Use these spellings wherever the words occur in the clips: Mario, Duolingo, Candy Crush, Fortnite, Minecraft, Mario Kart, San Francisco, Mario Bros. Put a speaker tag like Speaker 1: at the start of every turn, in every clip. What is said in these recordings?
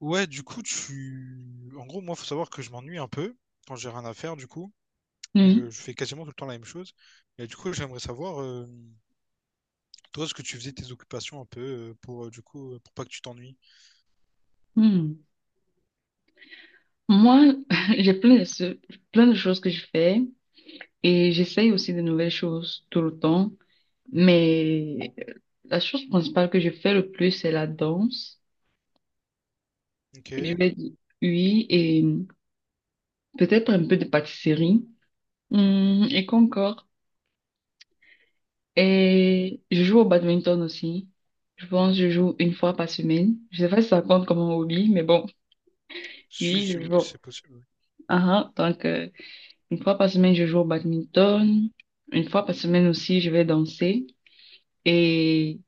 Speaker 1: Ouais, du coup, tu... En gros, moi, faut savoir que je m'ennuie un peu quand j'ai rien à faire, du coup. Et
Speaker 2: Oui.
Speaker 1: je fais quasiment tout le temps la même chose. Et du coup, j'aimerais savoir, toi, ce que tu faisais tes occupations un peu pour, du coup, pour pas que tu t'ennuies.
Speaker 2: Hmm. Moi, j'ai plein de choses que je fais et j'essaye aussi de nouvelles choses tout le temps. Mais la chose principale que je fais le plus, c'est la danse.
Speaker 1: Ok.
Speaker 2: Et je vais dire oui et peut-être un peu de pâtisserie. Et qu'encore? Et je joue au badminton aussi. Je pense que je joue une fois par semaine. Je sais pas si ça compte comme un hobby, mais bon,
Speaker 1: Si,
Speaker 2: oui,
Speaker 1: si,
Speaker 2: je
Speaker 1: oui,
Speaker 2: joue.
Speaker 1: c'est possible.
Speaker 2: Ah ah, donc, une fois par semaine, je joue au badminton. Une fois par semaine aussi, je vais danser. Et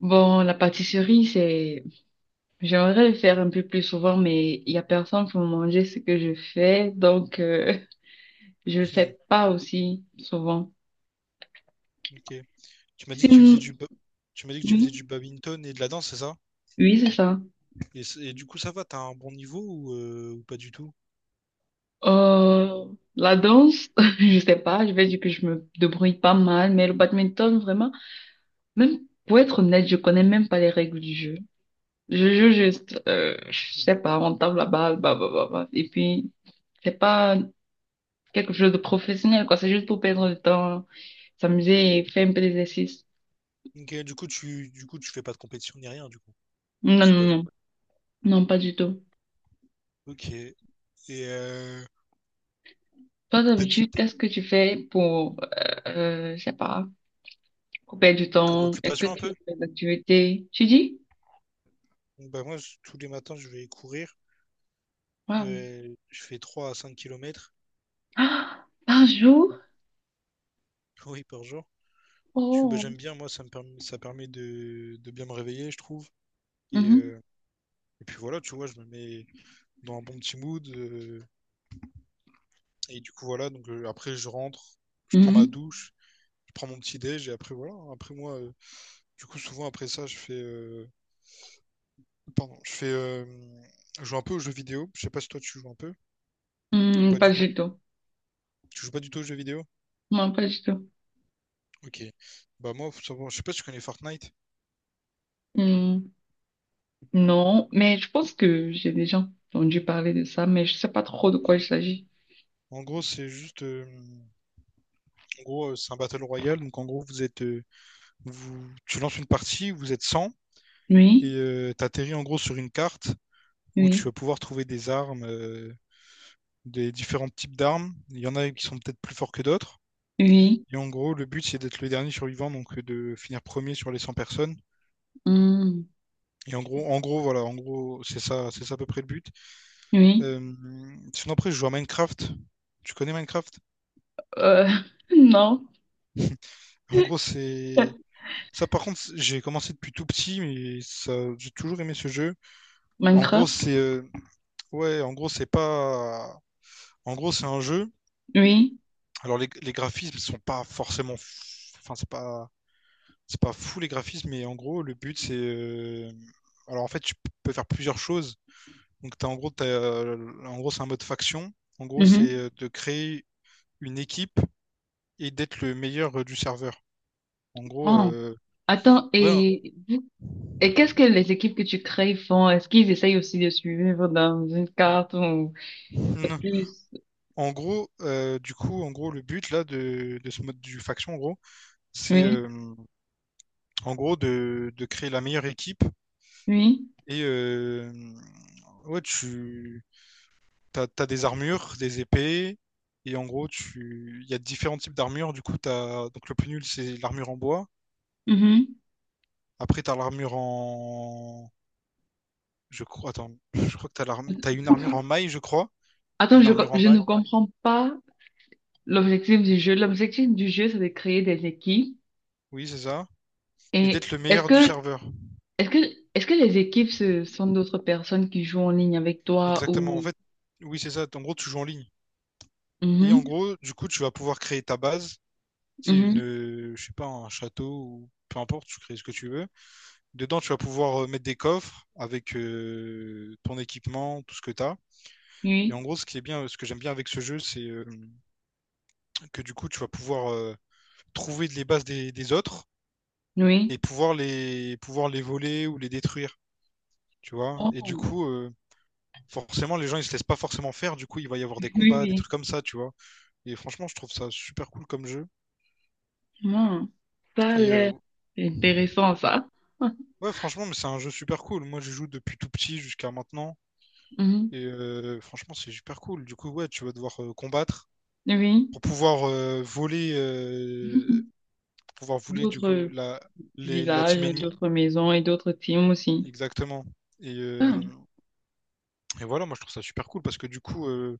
Speaker 2: bon, la pâtisserie, c'est, j'aimerais le faire un peu plus souvent, mais il y a personne pour manger ce que je fais, donc je le
Speaker 1: Oui.
Speaker 2: fais pas aussi souvent.
Speaker 1: Ok. Tu m'as dit que tu faisais du...
Speaker 2: Sinon,
Speaker 1: tu m'as dit que tu faisais
Speaker 2: oui,
Speaker 1: du badminton et de la danse, c'est ça?
Speaker 2: oui, c'est ça.
Speaker 1: Et, et du coup, ça va, t'as un bon niveau ou pas du tout?
Speaker 2: Euh, la danse, je sais pas, je vais dire que je me débrouille pas mal, mais le badminton, vraiment, même pour être honnête, je connais même pas les règles du jeu. Je joue juste, je sais
Speaker 1: Mhm.
Speaker 2: pas, on tape la balle, bah, bah, bah, bah. Et puis, c'est pas quelque chose de professionnel, quoi. C'est juste pour perdre le temps, s'amuser et faire un peu d'exercice.
Speaker 1: Ok, du coup, du coup, tu fais pas de compétition ni rien, du coup,
Speaker 2: Non,
Speaker 1: je
Speaker 2: non,
Speaker 1: suppose.
Speaker 2: non. Non, pas du tout.
Speaker 1: Ok. Et euh,
Speaker 2: Toi,
Speaker 1: t'as dit.
Speaker 2: d'habitude, qu'est-ce que tu fais pour, je sais pas, pour perdre du
Speaker 1: Comme
Speaker 2: temps? Est-ce que
Speaker 1: occupation un
Speaker 2: tu
Speaker 1: peu?
Speaker 2: fais des activités? Tu dis?
Speaker 1: Bon, bah moi, tous les matins, je vais courir.
Speaker 2: Waouh.
Speaker 1: Je fais 3 à 5 kilomètres,
Speaker 2: Ah, par jour?
Speaker 1: oui, par jour. Parce que, bah,
Speaker 2: Oh.
Speaker 1: j'aime bien, moi, ça permet de bien me réveiller, je trouve. Et,
Speaker 2: Mhm,
Speaker 1: euh, et puis voilà, tu vois, je me mets dans un bon petit mood. Et du coup, voilà, donc après, je rentre, je prends ma
Speaker 2: mhm.
Speaker 1: douche, je prends mon petit déj, et après, voilà. Hein. Après, moi, du coup, souvent, après ça, je fais... je joue un peu aux jeux vidéo. Je sais pas si toi, tu joues un peu ou
Speaker 2: Hmm,
Speaker 1: pas
Speaker 2: pas
Speaker 1: du tout.
Speaker 2: du tout.
Speaker 1: Tu joues pas du tout aux jeux vidéo?
Speaker 2: Non, pas du tout.
Speaker 1: Ok. Bah moi, je sais pas si tu connais Fortnite.
Speaker 2: Mm. Non, mais je pense que j'ai déjà entendu parler de ça, mais je sais pas trop de quoi il
Speaker 1: Ok.
Speaker 2: s'agit.
Speaker 1: En gros, en gros, c'est un battle royale. Donc en gros, tu lances une partie, vous êtes 100
Speaker 2: Oui,
Speaker 1: et t'atterris en gros sur une carte où tu
Speaker 2: oui,
Speaker 1: vas pouvoir trouver des armes, des différents types d'armes. Il y en a qui sont peut-être plus forts que d'autres.
Speaker 2: oui,
Speaker 1: Et en gros, le but c'est d'être le dernier survivant, donc de finir premier sur les 100 personnes.
Speaker 2: hmm,
Speaker 1: Et en gros, c'est ça à peu près le but.
Speaker 2: oui,
Speaker 1: Euh, sinon après, je joue à Minecraft. Tu connais Minecraft?
Speaker 2: euh, non.
Speaker 1: En gros, c'est. Ça, par contre, j'ai commencé depuis tout petit, mais ça, j'ai toujours aimé ce jeu. En gros,
Speaker 2: Minecraft,
Speaker 1: c'est. Ouais, en gros, c'est pas. En gros, c'est un jeu.
Speaker 2: oui.
Speaker 1: Alors, les graphismes sont pas forcément. Enfin, c'est pas. C'est pas fou les graphismes, mais en gros, le but, c'est. Alors, en fait, tu peux faire plusieurs choses. Donc, en gros, c'est un mode faction. En gros, c'est
Speaker 2: Mhm.
Speaker 1: de créer une équipe et d'être le meilleur du serveur. En gros,
Speaker 2: Oh, attends,
Speaker 1: ouais.
Speaker 2: et, qu'est-ce que les équipes que tu crées font? Est-ce qu'ils essayent aussi de suivre dans une carte ou c'est plus.
Speaker 1: En gros, du coup, le but là de ce mode du faction, en gros, c'est
Speaker 2: Oui,
Speaker 1: en gros de créer la meilleure équipe.
Speaker 2: oui.
Speaker 1: Et ouais, t'as des armures, des épées, et en gros, tu il y a différents types d'armures. Du coup, t'as donc le plus nul, c'est l'armure en bois.
Speaker 2: Mhm.
Speaker 1: Après, t'as l'armure en je crois, attends, je crois que t'as une armure en maille, je crois,
Speaker 2: Attends,
Speaker 1: une armure en
Speaker 2: je ne
Speaker 1: maille.
Speaker 2: comprends pas l'objectif du jeu. L'objectif du jeu, c'est de créer des équipes.
Speaker 1: Oui, c'est ça. Et
Speaker 2: Et
Speaker 1: d'être le meilleur du serveur.
Speaker 2: est-ce que, est-ce que les équipes, ce sont d'autres personnes qui jouent en ligne avec toi
Speaker 1: Exactement. En
Speaker 2: ou.
Speaker 1: fait, oui, c'est ça. En gros, tu joues en ligne. Et en
Speaker 2: Mhm,
Speaker 1: gros, du coup, tu vas pouvoir créer ta base. C'est une,
Speaker 2: mhm,
Speaker 1: je sais pas, un château ou peu importe, tu crées ce que tu veux. Dedans, tu vas pouvoir mettre des coffres avec ton équipement, tout ce que tu as. Et en
Speaker 2: oui,
Speaker 1: gros, ce que j'aime bien avec ce jeu, c'est que du coup, tu vas pouvoir trouver les bases des autres
Speaker 2: oui.
Speaker 1: et pouvoir les voler ou les détruire, tu vois. Et du
Speaker 2: Oh,
Speaker 1: coup, forcément, les gens, ils se laissent pas forcément faire. Du coup, il va y avoir des
Speaker 2: oui,
Speaker 1: combats, des
Speaker 2: oui.
Speaker 1: trucs comme ça, tu vois. Et franchement, je trouve ça super cool comme jeu.
Speaker 2: Hmm, Ça a
Speaker 1: Et
Speaker 2: l'air intéressant, ça.
Speaker 1: ouais, franchement, mais c'est un jeu super cool. Moi, je joue depuis tout petit jusqu'à maintenant.
Speaker 2: Mhm,
Speaker 1: Et franchement, c'est super cool. Du coup, ouais, tu vas devoir combattre
Speaker 2: oui.
Speaker 1: pour pouvoir voler,
Speaker 2: Mhm.
Speaker 1: pour pouvoir voler du coup
Speaker 2: D'autres
Speaker 1: la team
Speaker 2: villages,
Speaker 1: ennemie.
Speaker 2: d'autres maisons et d'autres teams aussi.
Speaker 1: Exactement. Et, euh, et voilà, moi je trouve ça super cool parce que du coup,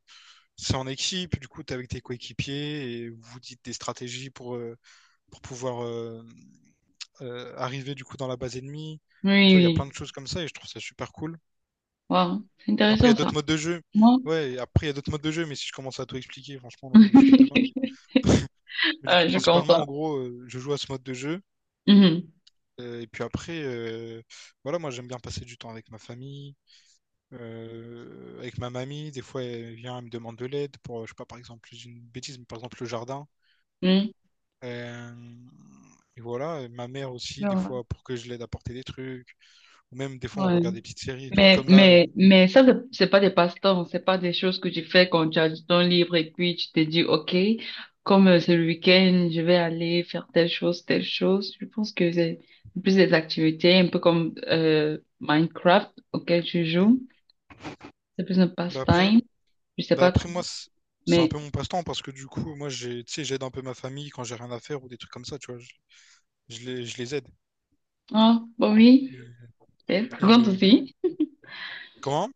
Speaker 1: c'est en équipe, du coup, t'es avec tes coéquipiers et vous dites des stratégies pour pouvoir arriver du coup dans la base ennemie.
Speaker 2: Oui,
Speaker 1: Tu vois, il y a plein de
Speaker 2: oui.
Speaker 1: choses comme ça et je trouve ça super cool.
Speaker 2: Wow, c'est
Speaker 1: Après, il y
Speaker 2: intéressant,
Speaker 1: a
Speaker 2: ça.
Speaker 1: d'autres modes de jeu.
Speaker 2: Moi,
Speaker 1: Ouais, après, il y a d'autres modes de jeu, mais si je commence à tout expliquer, franchement, on est jusqu'à demain. Mais du coup,
Speaker 2: Ah, je
Speaker 1: principalement,
Speaker 2: comprends.
Speaker 1: en gros, je joue à ce mode de jeu.
Speaker 2: Mhm,
Speaker 1: Et puis après, voilà, moi, j'aime bien passer du temps avec ma famille, avec ma mamie. Des fois, elle vient, elle me demande de l'aide pour, je sais pas, par exemple, je dis une bêtise, mais par exemple, le jardin.
Speaker 2: mhm.
Speaker 1: Euh, et voilà, et ma mère aussi,
Speaker 2: Je
Speaker 1: des fois, pour que je l'aide à porter des trucs. Ou même des fois on
Speaker 2: vois.
Speaker 1: regarde des petites séries et tout,
Speaker 2: Mais,
Speaker 1: comme là.
Speaker 2: mais, mais ça, c'est pas des passe-temps, c'est pas des choses que tu fais quand tu as du temps libre et puis tu te dis, OK, comme c'est le week-end, je vais aller faire telle chose, telle chose. Je pense que c'est plus des activités, un peu comme Minecraft auquel tu
Speaker 1: Mm.
Speaker 2: joues. C'est plus un
Speaker 1: Bah après,
Speaker 2: passe-temps, je sais
Speaker 1: bah
Speaker 2: pas
Speaker 1: après
Speaker 2: trop.
Speaker 1: moi c'est un
Speaker 2: Mais,
Speaker 1: peu mon passe-temps parce que du coup moi j'ai tu sais j'aide un peu ma famille quand j'ai rien à faire ou des trucs comme ça tu vois je, je les aide
Speaker 2: ah, bon, oui,
Speaker 1: et,
Speaker 2: peut-être. Ça
Speaker 1: et,
Speaker 2: compte aussi.
Speaker 1: comment?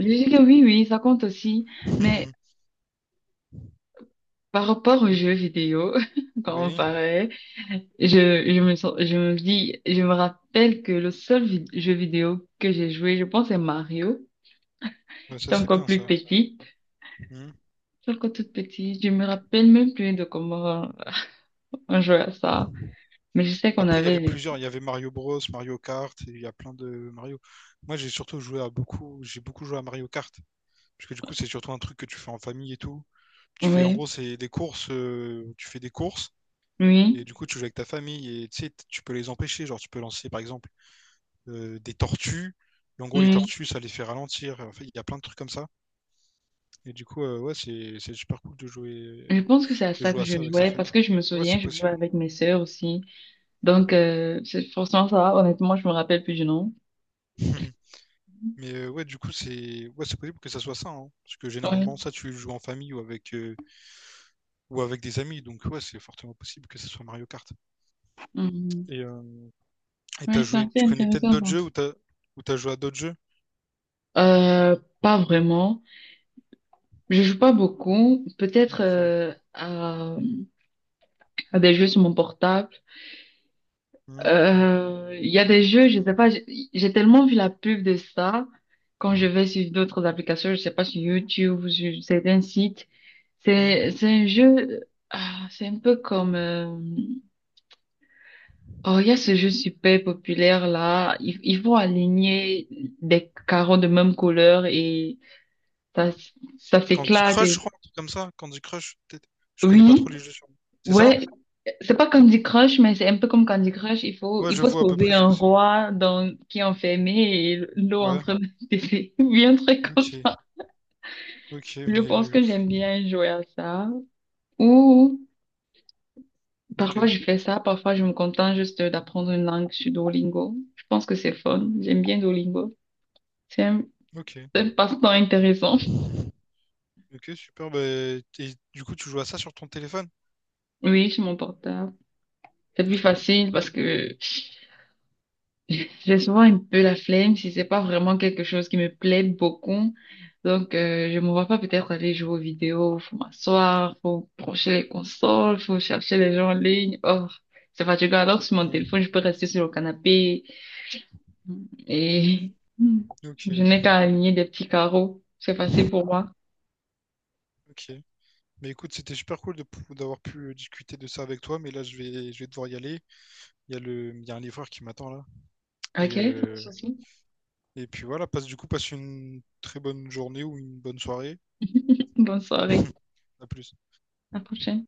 Speaker 2: Je dis que oui, oui, ça compte aussi. Mais par rapport aux
Speaker 1: Oui,
Speaker 2: jeux vidéo, quand on
Speaker 1: oui,
Speaker 2: parlait, Je, je je me rappelle que le seul jeu vidéo que j'ai joué, je pense, c'est Mario.
Speaker 1: ouais, ça
Speaker 2: J'étais
Speaker 1: c'est
Speaker 2: encore
Speaker 1: bien
Speaker 2: plus
Speaker 1: ça.
Speaker 2: petite. J'étais encore toute petite. Je me rappelle même plus de comment on jouait à ça.
Speaker 1: Mm.
Speaker 2: Mais je sais qu'on
Speaker 1: Après, il y
Speaker 2: avait
Speaker 1: avait
Speaker 2: les-
Speaker 1: plusieurs. Il y avait Mario Bros, Mario Kart, et il y a plein de Mario. Moi, j'ai surtout joué à beaucoup. J'ai beaucoup joué à Mario Kart. Parce que du coup, c'est surtout un truc que tu fais en famille et tout. Tu fais, en
Speaker 2: Oui,
Speaker 1: gros, C'est des courses. Tu fais des courses. Et
Speaker 2: oui,
Speaker 1: du coup, tu joues avec ta famille. Et tu sais, tu peux les empêcher. Genre, tu peux lancer, par exemple, des tortues. Et en gros, les
Speaker 2: oui.
Speaker 1: tortues, ça les fait ralentir. En fait, il y a plein de trucs comme ça. Et du coup, ouais, c'est super cool
Speaker 2: Je pense que c'est à
Speaker 1: de
Speaker 2: ça
Speaker 1: jouer
Speaker 2: que
Speaker 1: à ça
Speaker 2: je
Speaker 1: avec sa
Speaker 2: jouais parce
Speaker 1: famille.
Speaker 2: que je me
Speaker 1: Ouais,
Speaker 2: souviens,
Speaker 1: c'est
Speaker 2: je jouais
Speaker 1: possible.
Speaker 2: avec mes sœurs aussi. Donc, c'est forcément ça. Honnêtement, je me rappelle plus du nom.
Speaker 1: Mais ouais, du coup, c'est ouais, c'est possible que ça soit ça, hein, parce que
Speaker 2: Oui.
Speaker 1: généralement, ça, tu le joues en famille ou avec des amis, donc ouais, c'est fortement possible que ça soit Mario Kart.
Speaker 2: Mhm.
Speaker 1: Et
Speaker 2: Oui, c'est assez
Speaker 1: tu connais peut-être
Speaker 2: intéressant,
Speaker 1: d'autres jeux
Speaker 2: ça.
Speaker 1: ou t'as joué à d'autres jeux?
Speaker 2: Pas vraiment. Je joue pas beaucoup, peut-être
Speaker 1: Ok.
Speaker 2: à des jeux sur mon portable.
Speaker 1: Hmm,
Speaker 2: Il y a des jeux, je sais pas, j'ai tellement vu la pub de ça quand je vais sur d'autres applications, je sais pas sur YouTube ou sur certains sites.
Speaker 1: hmm.
Speaker 2: C'est un jeu, ah, c'est un peu comme oh il y a ce jeu super populaire là, ils vont aligner des carreaux de même couleur et ça ça
Speaker 1: Candy
Speaker 2: s'éclate.
Speaker 1: Crush, je crois, un truc comme ça. Candy Crush, peut-être. Je connais pas trop
Speaker 2: Oui,
Speaker 1: les jeux sur. C'est ça?
Speaker 2: ouais, c'est pas Candy Crush, mais c'est un peu comme Candy Crush. Il faut,
Speaker 1: Ouais,
Speaker 2: il
Speaker 1: je
Speaker 2: faut
Speaker 1: vois à peu
Speaker 2: sauver
Speaker 1: près ce
Speaker 2: un
Speaker 1: que c'est.
Speaker 2: roi qui est enfermé et l'eau
Speaker 1: Ouais.
Speaker 2: entre des bien un truc comme
Speaker 1: Ok.
Speaker 2: ça.
Speaker 1: Ok,
Speaker 2: Je
Speaker 1: mais
Speaker 2: pense que j'aime bien jouer à ça. Ou parfois
Speaker 1: ok,
Speaker 2: je fais ça, parfois je me contente juste d'apprendre une langue sur Duolingo. Je pense que c'est fun. J'aime bien Duolingo. C'est un,
Speaker 1: ok.
Speaker 2: c'est un passe-temps intéressant.
Speaker 1: Ok, super. Bah, et du coup, tu joues à ça sur ton téléphone?
Speaker 2: Oui, sur mon portable. C'est plus
Speaker 1: Ok.
Speaker 2: facile parce que j'ai souvent un peu la flemme si c'est pas vraiment quelque chose qui me plaît beaucoup. Donc, je me vois pas peut-être aller jouer aux vidéos. Faut m'asseoir, faut brancher les consoles, faut chercher les gens en ligne. Oh, c'est fatigant. Alors, sur mon
Speaker 1: Ouais,
Speaker 2: téléphone, je peux rester sur le canapé et je
Speaker 1: ok,
Speaker 2: n'ai qu'à aligner des petits carreaux. C'est facile pour moi.
Speaker 1: ok. Mais écoute, c'était super cool de d'avoir pu discuter de ça avec toi, mais là je vais devoir y aller. Il y a le, il y a un livreur qui m'attend là. Et,
Speaker 2: Ok, sans
Speaker 1: euh,
Speaker 2: souci.
Speaker 1: et puis voilà, passe une très bonne journée ou une bonne soirée.
Speaker 2: Bonne soirée.
Speaker 1: À plus.
Speaker 2: À la prochaine.